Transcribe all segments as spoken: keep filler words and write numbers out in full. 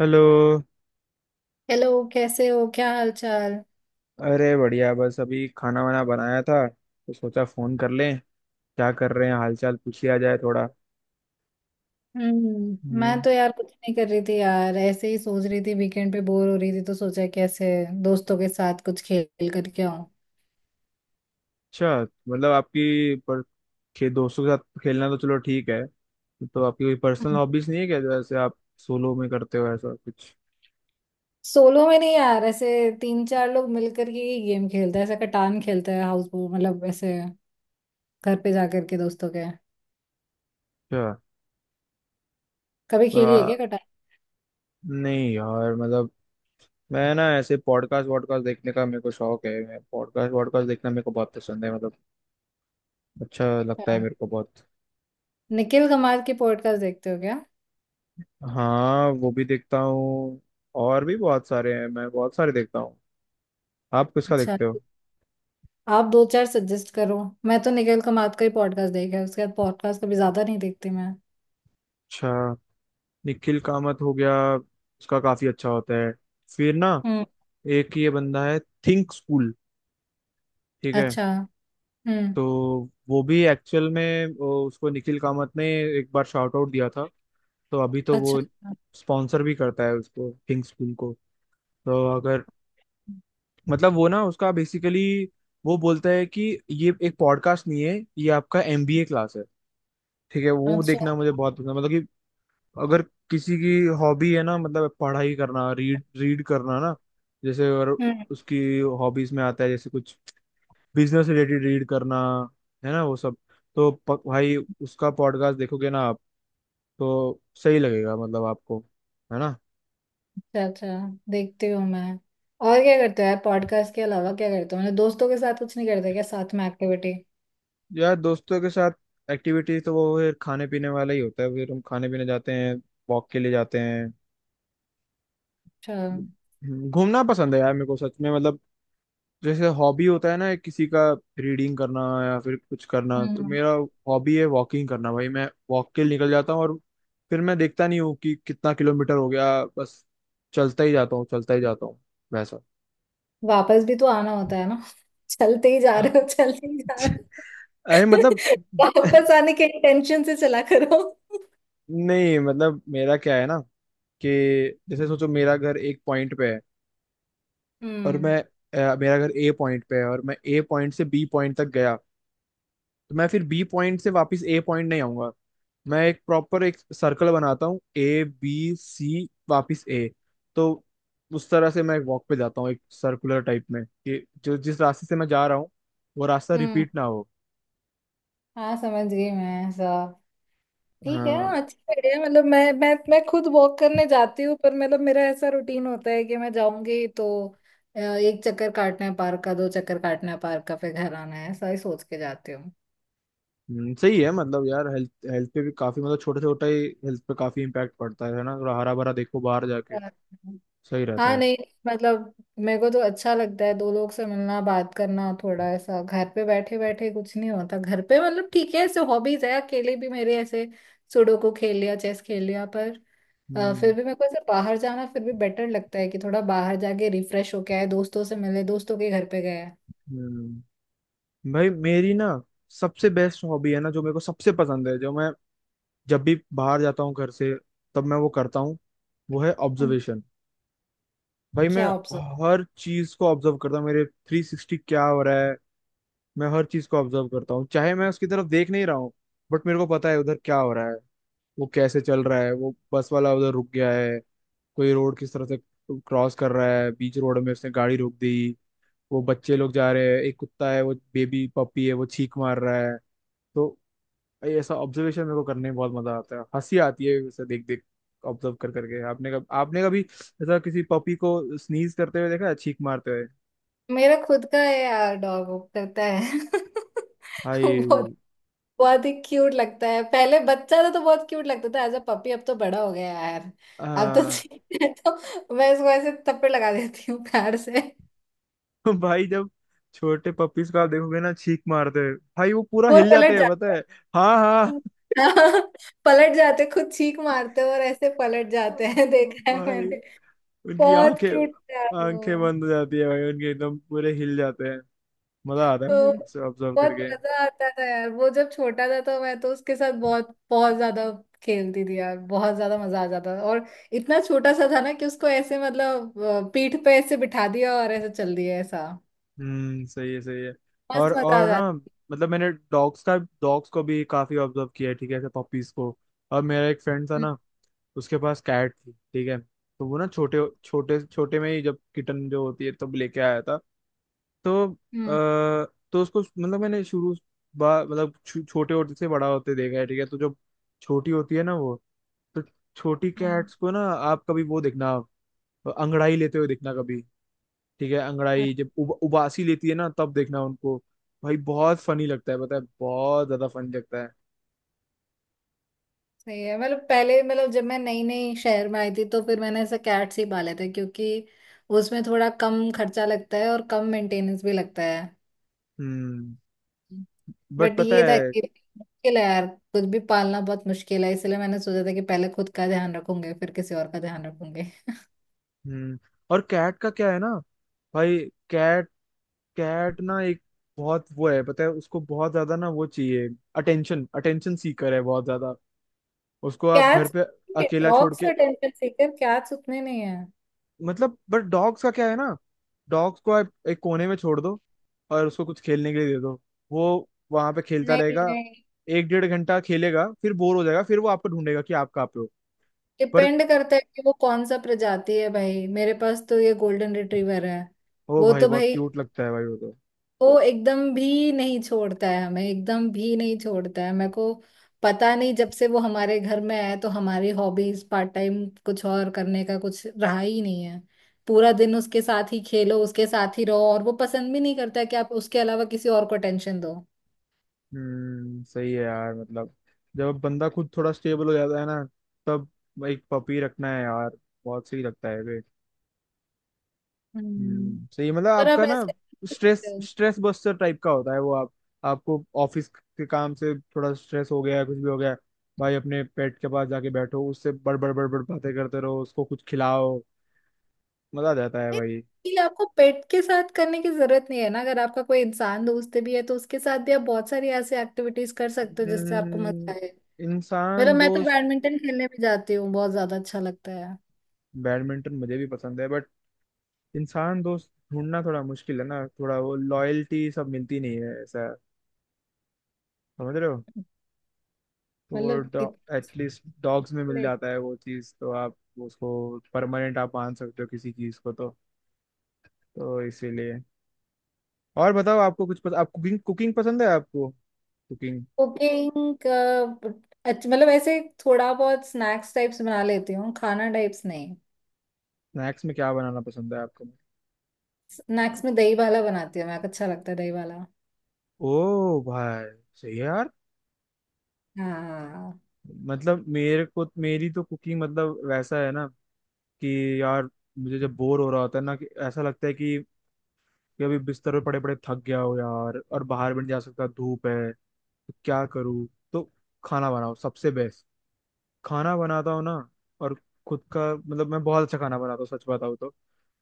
Hello. Hello. कैसे हो? क्या हाल चाल? अरे बढ़िया, बस अभी खाना वाना बनाया था तो सोचा फोन कर लें, क्या कर रहे हैं, हालचाल पूछ लिया जाए थोड़ा। हम्म, मैं हम्म, तो यार कुछ नहीं कर रही थी यार, ऐसे ही सोच रही थी। वीकेंड पे बोर हो रही थी तो सोचा, कैसे दोस्तों के साथ कुछ खेल करके आऊं। अच्छा, मतलब आपकी पर खे, दोस्तों के साथ खेलना, तो चलो ठीक है। तो आपकी कोई पर्सनल हॉबीज नहीं है क्या, जैसे आप सोलो में करते हो ऐसा कुछ? सोलो में नहीं यार, ऐसे तीन चार लोग मिल करके ही गेम खेलते हैं। ऐसा कटान खेलते हैं, हाउस, मतलब ऐसे घर पे जा करके दोस्तों के। अच्छा। कभी तो खेली है आ, क्या कटान? नहीं यार, मतलब मैं ना ऐसे पॉडकास्ट वॉडकास्ट देखने का मेरे को शौक है। मैं पॉडकास्ट वॉडकास्ट देखना मेरे को बहुत पसंद है, मतलब अच्छा लगता है हाँ। मेरे को बहुत। निखिल कमार की पॉडकास्ट देखते हो क्या? हाँ, वो भी देखता हूँ। और भी बहुत सारे हैं, मैं बहुत सारे देखता हूँ। आप किसका अच्छा, देखते हो? आप दो चार सजेस्ट करो। मैं तो निखिल कमार का ही पॉडकास्ट देखा है, उसके बाद पॉडकास्ट कभी ज्यादा नहीं देखती मैं। अच्छा, निखिल कामत हो गया, उसका काफी अच्छा होता है। फिर ना, हम्म। एक ये बंदा है, थिंक स्कूल, ठीक है। अच्छा। हम्म। तो वो भी एक्चुअल में वो- उसको निखिल कामत ने एक बार शाउट आउट दिया था, तो अभी तो अच्छा वो स्पॉन्सर भी करता है उसको, थिंक स्कूल को। तो अगर, मतलब वो ना उसका बेसिकली, वो बोलता है कि ये एक पॉडकास्ट नहीं है, ये आपका एमबीए क्लास है, ठीक है। वो अच्छा। देखना मुझे बहुत पसंद है, मतलब कि अगर किसी की हॉबी है ना, मतलब पढ़ाई करना, रीड रीड करना ना, जैसे, और हम्म। उसकी हॉबीज में आता है जैसे कुछ बिजनेस रिलेटेड रीड करना, है ना वो सब, तो प, भाई उसका पॉडकास्ट देखोगे ना आप, तो सही लगेगा मतलब आपको, है ना। अच्छा अच्छा, देखती हूँ मैं। और क्या करते हो यार पॉडकास्ट के अलावा? क्या करते हो, मतलब दोस्तों के साथ कुछ नहीं करते क्या साथ में एक्टिविटी? यार दोस्तों के साथ एक्टिविटी तो वो फिर खाने पीने वाला ही होता है, फिर हम खाने पीने जाते हैं, वॉक के लिए जाते हैं। अच्छा। घूमना पसंद है यार मेरे को, सच में, मतलब जैसे हॉबी होता है ना किसी का रीडिंग करना या फिर कुछ करना, तो हम्म। मेरा हॉबी है वॉकिंग करना। भाई मैं वॉक के लिए निकल जाता हूँ और फिर मैं देखता नहीं हूँ कि कितना किलोमीटर हो गया, बस चलता ही जाता हूँ, चलता ही जाता हूँ वैसा। वापस भी तो आना होता है ना चलते ही जा रहे हो, चलते ही जा रहे हो। अरे मतलब, वापस आने के इंटेंशन से चला करो। नहीं, मतलब मेरा क्या है ना, कि जैसे सोचो मेरा घर एक पॉइंट पे है और हम्म। मैं अ, मेरा घर ए पॉइंट पे है और मैं ए पॉइंट से बी पॉइंट तक गया, तो मैं फिर बी पॉइंट से वापस ए पॉइंट नहीं आऊंगा। मैं एक प्रॉपर एक सर्कल बनाता हूँ, ए बी सी वापस ए। तो उस तरह से मैं वॉक पे जाता हूँ, एक सर्कुलर टाइप में, कि जो जिस रास्ते से मैं जा रहा हूँ वो रास्ता हम्म, रिपीट ना हो। हाँ, समझ गई मैं ऐसा। ठीक है हाँ। हाँ, अच्छी आइडिया। मतलब मैं मैं मैं खुद वॉक करने जाती हूँ, पर मतलब मेरा ऐसा रूटीन होता है कि मैं जाऊंगी तो अ, एक चक्कर काटना है पार्क का, दो चक्कर काटना है पार्क का, फिर घर आना है, ऐसा ही सोच के जाती हूँ। हम्म, सही है मतलब, यार हेल्थ हेल्थ पे भी काफी मतलब, छोटा छोटा ही हेल्थ पे काफी इम्पैक्ट पड़ता है है ना, थोड़ा हरा भरा देखो बाहर जाके, सही रहता हाँ, है। नहीं, मतलब मेरे को तो अच्छा लगता है दो लोग से मिलना बात करना। थोड़ा ऐसा घर पे बैठे बैठे कुछ नहीं होता घर पे, मतलब ठीक है ऐसे हॉबीज है अकेले भी मेरे ऐसे, सुडोकू खेल लिया चेस खेल लिया, पर अ, फिर हम्म। भी मेरे को ऐसे बाहर जाना फिर भी बेटर लगता है कि थोड़ा बाहर जाके रिफ्रेश होके आए, दोस्तों से मिले, दोस्तों के घर पे गए। हम्म। भाई मेरी ना सबसे बेस्ट हॉबी है ना, जो मेरे को सबसे पसंद है, जो मैं जब भी बाहर जाता हूँ घर से, तब मैं वो करता हूँ, वो है हम्म। ऑब्जर्वेशन। भाई मैं क्या ऑप्शन? हर चीज को ऑब्जर्व करता हूँ, मेरे थ्री सिक्सटी क्या हो रहा है। मैं हर चीज को ऑब्जर्व करता हूँ, चाहे मैं उसकी तरफ देख नहीं रहा हूँ, बट मेरे को पता है उधर क्या हो रहा है। वो कैसे चल रहा है, वो बस वाला उधर रुक गया है, कोई रोड किस तरह से क्रॉस कर रहा है, बीच रोड में उसने गाड़ी रोक दी, वो बच्चे लोग जा रहे हैं, एक कुत्ता है वो बेबी पपी है वो छींक मार रहा है। तो भाई ऐसा ऑब्जर्वेशन मेरे को करने में बहुत मजा आता है, हंसी आती है उसे देख देख ऑब्जर्व कर करके। आपने कब आपने कभी ऐसा किसी पपी को स्नीज करते हुए देखा है, छींक मारते हुए? मेरा खुद का है यार डॉग, वो करता है भाई बहुत, बहुत ही क्यूट लगता है। पहले बच्चा था तो बहुत क्यूट लगता था एज अ पपी, अब तो बड़ा हो गया यार। अब तो आ, ठीक है, तो मैं इसको ऐसे थप्पड़ लगा देती हूँ प्यार से। भाई जब छोटे पपीज को आप देखोगे ना छींक मारते हुए, भाई वो पूरा वो हिल जाते पलट हैं, जाता पता है। हाँ हाँ। है। पलट जाते खुद, चीख मारते और ऐसे पलट जाते हैं देखा है। भाई उनकी बहुत आंखें क्यूट था आंखें वो। बंद हो जाती है भाई उनके, एकदम पूरे हिल जाते हैं। मजा आता है तो भाई उसे ऑब्जर्व बहुत करके। मजा आता था यार वो जब छोटा था, तो मैं तो उसके साथ बहुत, बहुत ज्यादा खेलती थी यार, बहुत ज्यादा मजा आ जाता था। और इतना छोटा सा था ना कि उसको ऐसे मतलब अ, पीठ पे ऐसे बिठा दिया और ऐसे चल दिया, ऐसा हम्म, सही है सही है। और मस्त मजा आ और ना जाता। मतलब मैंने डॉग्स का डॉग्स को भी काफी ऑब्जर्व किया है, ठीक है, ऐसे पपीज को। और मेरा एक फ्रेंड था हम्म। ना, उसके पास कैट थी, ठीक है, तो वो ना छोटे छोटे छोटे में ही, जब किटन जो होती है तब लेके आया था। तो हम्म। अ, तो उसको मतलब मैंने शुरू बा- मतलब छो, छोटे होते से बड़ा होते देखा है, ठीक है। तो जो छोटी होती है ना वो, तो छोटी हम्म। कैट्स को ना, आप कभी वो देखना अंगड़ाई लेते हुए देखना कभी, ठीक है। अच्छा। अंगड़ाई जब उब, उबासी लेती है ना, तब देखना उनको। भाई बहुत फनी लगता है, पता है, बहुत ज्यादा फनी लगता है। सही है, मतलब पहले, मतलब जब मैं नई नई शहर में आई थी तो फिर मैंने ऐसे कैट्स ही पाले थे, क्योंकि उसमें थोड़ा कम खर्चा लगता है और कम मेंटेनेंस भी लगता है। हम्म। बट बट पता ये था है, कि मुश्किल है यार, कुछ भी पालना बहुत मुश्किल है, इसलिए मैंने सोचा था कि पहले खुद का ध्यान रखूंगे फिर किसी और का ध्यान रखूंगे। हम्म, और कैट का क्या है ना, भाई कैट कैट ना एक बहुत वो है, पता है, उसको बहुत ज्यादा ना वो चाहिए, अटेंशन अटेंशन सीकर है बहुत ज्यादा। उसको आप घर कैट्स, पे अकेला छोड़ डॉग से के, अटेंशन सीकर कैट्स उतने नहीं है। मतलब, बट डॉग्स का क्या है ना, डॉग्स को आप एक कोने में छोड़ दो और उसको कुछ खेलने के लिए दे दो, वो वहां पे खेलता नहीं, रहेगा, नहीं, एक डेढ़ घंटा खेलेगा, फिर बोर हो जाएगा, फिर वो आपको ढूंढेगा कि आप कहाँ पे हो। पर डिपेंड करता है कि वो कौन सा प्रजाति है भाई, मेरे पास तो ये गोल्डन रिट्रीवर है। ओ वो भाई, तो बहुत भाई, क्यूट लगता है भाई वो तो। वो एकदम भी नहीं छोड़ता है हमें, एकदम भी नहीं छोड़ता है मेरे को। पता नहीं जब से वो हमारे घर में आया तो हमारी हॉबीज पार्ट टाइम कुछ और करने का कुछ रहा ही नहीं है। पूरा दिन उसके साथ ही खेलो, उसके साथ ही रहो, और वो पसंद भी नहीं करता है कि आप उसके अलावा किसी और को टेंशन दो। हम्म, सही है यार, मतलब जब बंदा खुद थोड़ा स्टेबल हो जाता है ना, तब एक पपी रखना है यार, बहुत सही लगता है वे। हम्म। हम्म, सही, मतलब पर आप आपका ना ऐसे नहीं कर स्ट्रेस सकते हो। स्ट्रेस बस्टर टाइप का होता है वो। आप, आपको ऑफिस के काम से थोड़ा स्ट्रेस हो गया, कुछ भी हो गया, भाई अपने पेट के पास जाके बैठो, उससे बड़बड़ बड़बड़ बातें करते रहो, उसको कुछ खिलाओ, मजा आ जाता है नहीं, भाई। ये आपको पेट के साथ करने की जरूरत नहीं है ना, अगर आपका कोई इंसान दोस्त भी है तो उसके साथ भी आप बहुत सारी ऐसे एक्टिविटीज कर सकते हो जिससे आपको मजा हम्म, आए। मतलब इंसान मैं तो दोस्त। बैडमिंटन खेलने भी जाती हूँ, बहुत ज्यादा अच्छा लगता है। बैडमिंटन मुझे भी पसंद है, बट इंसान दोस्त ढूंढना थोड़ा मुश्किल है ना, थोड़ा वो लॉयल्टी सब मिलती नहीं है, ऐसा है। समझ रहे हो? मतलब, तो एटलीस्ट डॉग्स में मिल लाइक, जाता है वो चीज़, तो आप उसको परमानेंट आप मान सकते हो किसी चीज़ को, तो तो इसीलिए। और बताओ, आपको कुछ पस, आप कुकिंग कुकिंग पसंद है आपको, कुकिंग? कुकिंग का? अच्छा, मतलब ऐसे थोड़ा बहुत स्नैक्स टाइप्स बना लेती हूँ, खाना टाइप्स नहीं। स्नैक्स में क्या बनाना पसंद है आपको? स्नैक्स में दही वाला बनाती हूँ मैं, अच्छा लगता है दही वाला। ओ भाई, सही है यार, हाँ। मतलब मेरे को मेरी तो कुकिंग, मतलब वैसा है ना कि यार मुझे जब बोर हो रहा होता है ना, कि ऐसा लगता है कि कि अभी बिस्तर पे पड़े पड़े थक गया हो यार, और बाहर भी नहीं जा सकता, धूप है तो क्या करूँ, तो खाना बनाओ सबसे बेस्ट। खाना बनाता हूँ ना, और खुद का, मतलब मैं बहुत अच्छा खाना बनाता हूँ, सच बताऊँ तो।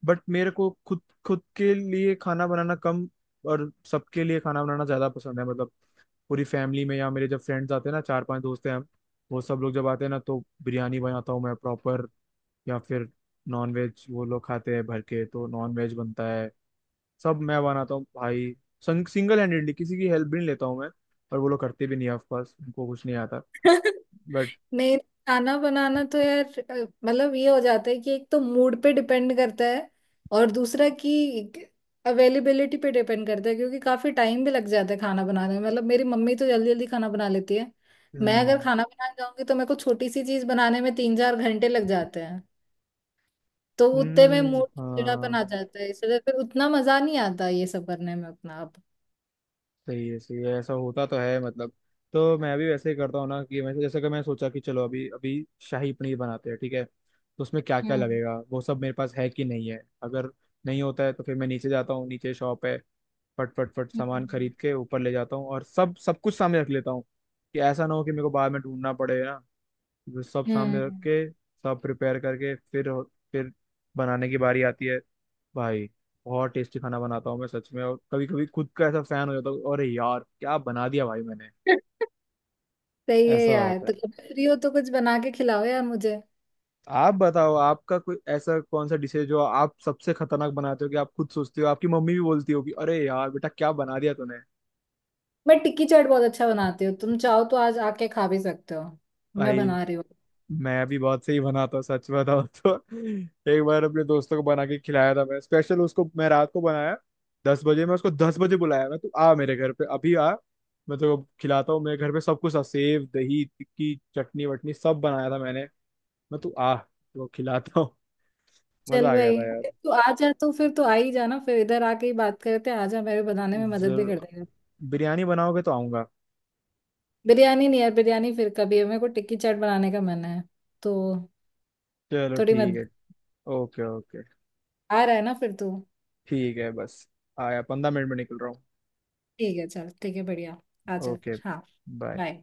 बट मेरे को खुद खुद के लिए खाना बनाना कम और सबके लिए खाना बनाना ज्यादा पसंद है, मतलब पूरी फैमिली में या मेरे जब फ्रेंड्स आते हैं ना, चार पांच दोस्त हैं हम, वो सब लोग जब आते हैं ना तो बिरयानी बनाता हूँ मैं प्रॉपर, या फिर नॉन वेज वो लोग खाते हैं भर के तो नॉन वेज बनता है, सब मैं बनाता हूँ भाई, संग, सिंगल हैंडेडली किसी की हेल्प भी नहीं लेता हूँ मैं, और वो लोग करते भी नहीं है, ऑफ कोर्स उनको कुछ नहीं आता। नहीं, खाना बनाना तो यार अ, मतलब ये हो जाता है कि एक तो मूड पे डिपेंड करता है, और दूसरा कि अवेलेबिलिटी पे डिपेंड करता है, क्योंकि काफी टाइम भी लग जाता है खाना बनाने में। मतलब मेरी मम्मी तो जल्दी जल्दी खाना बना लेती है, बट मैं अगर खाना बनाने जाऊंगी तो मेरे को छोटी सी चीज बनाने में तीन चार घंटे लग जाते हैं। तो उतने में हम्म, मूड चिड़ापन आ हाँ। जाता है, इसलिए फिर उतना मजा नहीं आता ये सब करने में अपना आप। सही है, सही है, ऐसा होता तो है, मतलब तो मैं भी वैसे ही करता हूँ ना, कि मैं जैसे कि मैं सोचा कि चलो अभी अभी शाही पनीर बनाते हैं, ठीक है, तो उसमें क्या क्या हम्म। लगेगा, वो सब मेरे पास है कि नहीं है। अगर नहीं होता है तो फिर मैं नीचे जाता हूँ, नीचे शॉप है, फट फट फट सामान हम्म। खरीद के ऊपर ले जाता हूँ और सब सब कुछ सामने रख लेता हूँ, कि ऐसा ना हो कि मेरे को बाद में ढूंढना पड़े ना। जो सब सामने रख हम्म, के, सब प्रिपेयर करके, फिर फिर बनाने की बारी आती है। भाई बहुत टेस्टी खाना बनाता हूँ मैं, सच में, और कभी कभी खुद का ऐसा फैन हो जाता हूँ, अरे यार क्या बना दिया भाई मैंने। सही है ऐसा यार, होता है। तो कब फ्री हो तो कुछ बना के खिलाओ यार मुझे। आप बताओ, आपका कोई ऐसा कौन सा डिश है जो आप सबसे खतरनाक बनाते हो, कि आप खुद सोचते हो आपकी मम्मी भी बोलती होगी, अरे यार बेटा क्या बना दिया तूने। मैं टिक्की चाट बहुत अच्छा बनाती हूँ, तुम चाहो तो आज आके खा भी सकते हो, मैं भाई बना रही हूँ। मैं भी बहुत सही बनाता हूँ, सच बताओ तो। एक बार अपने दोस्तों को बना के खिलाया था मैं स्पेशल उसको, मैं रात को बनाया, दस बजे, मैं उसको दस बजे बुलाया, मैं तू आ मेरे घर पे अभी आ, मैं तो खिलाता हूँ, मेरे घर पे सब कुछ था, सेव दही टिक्की चटनी वटनी सब बनाया था मैंने, मैं तू आ तो खिलाता हूँ। चल मजा आ गया भाई, था यार। तू आ जा तो फिर तो आ ही जाना, फिर इधर आके ही बात करते हैं, आ जा, मेरे बनाने में मदद भी जरूर, कर देगा। बिरयानी बनाओगे तो आऊंगा। बिरयानी नहीं यार, बिरयानी फिर कभी, है मेरे को टिक्की चाट बनाने का मन है, तो चलो थोड़ी ठीक मदद। है, ओके ओके। आ रहा है ना फिर तू? ठीक है बस, आया, पंद्रह मिनट में निकल रहा ठीक है, चल ठीक है, बढ़िया। आ हूँ। जा ओके, फिर, हाँ। बाय। बाय।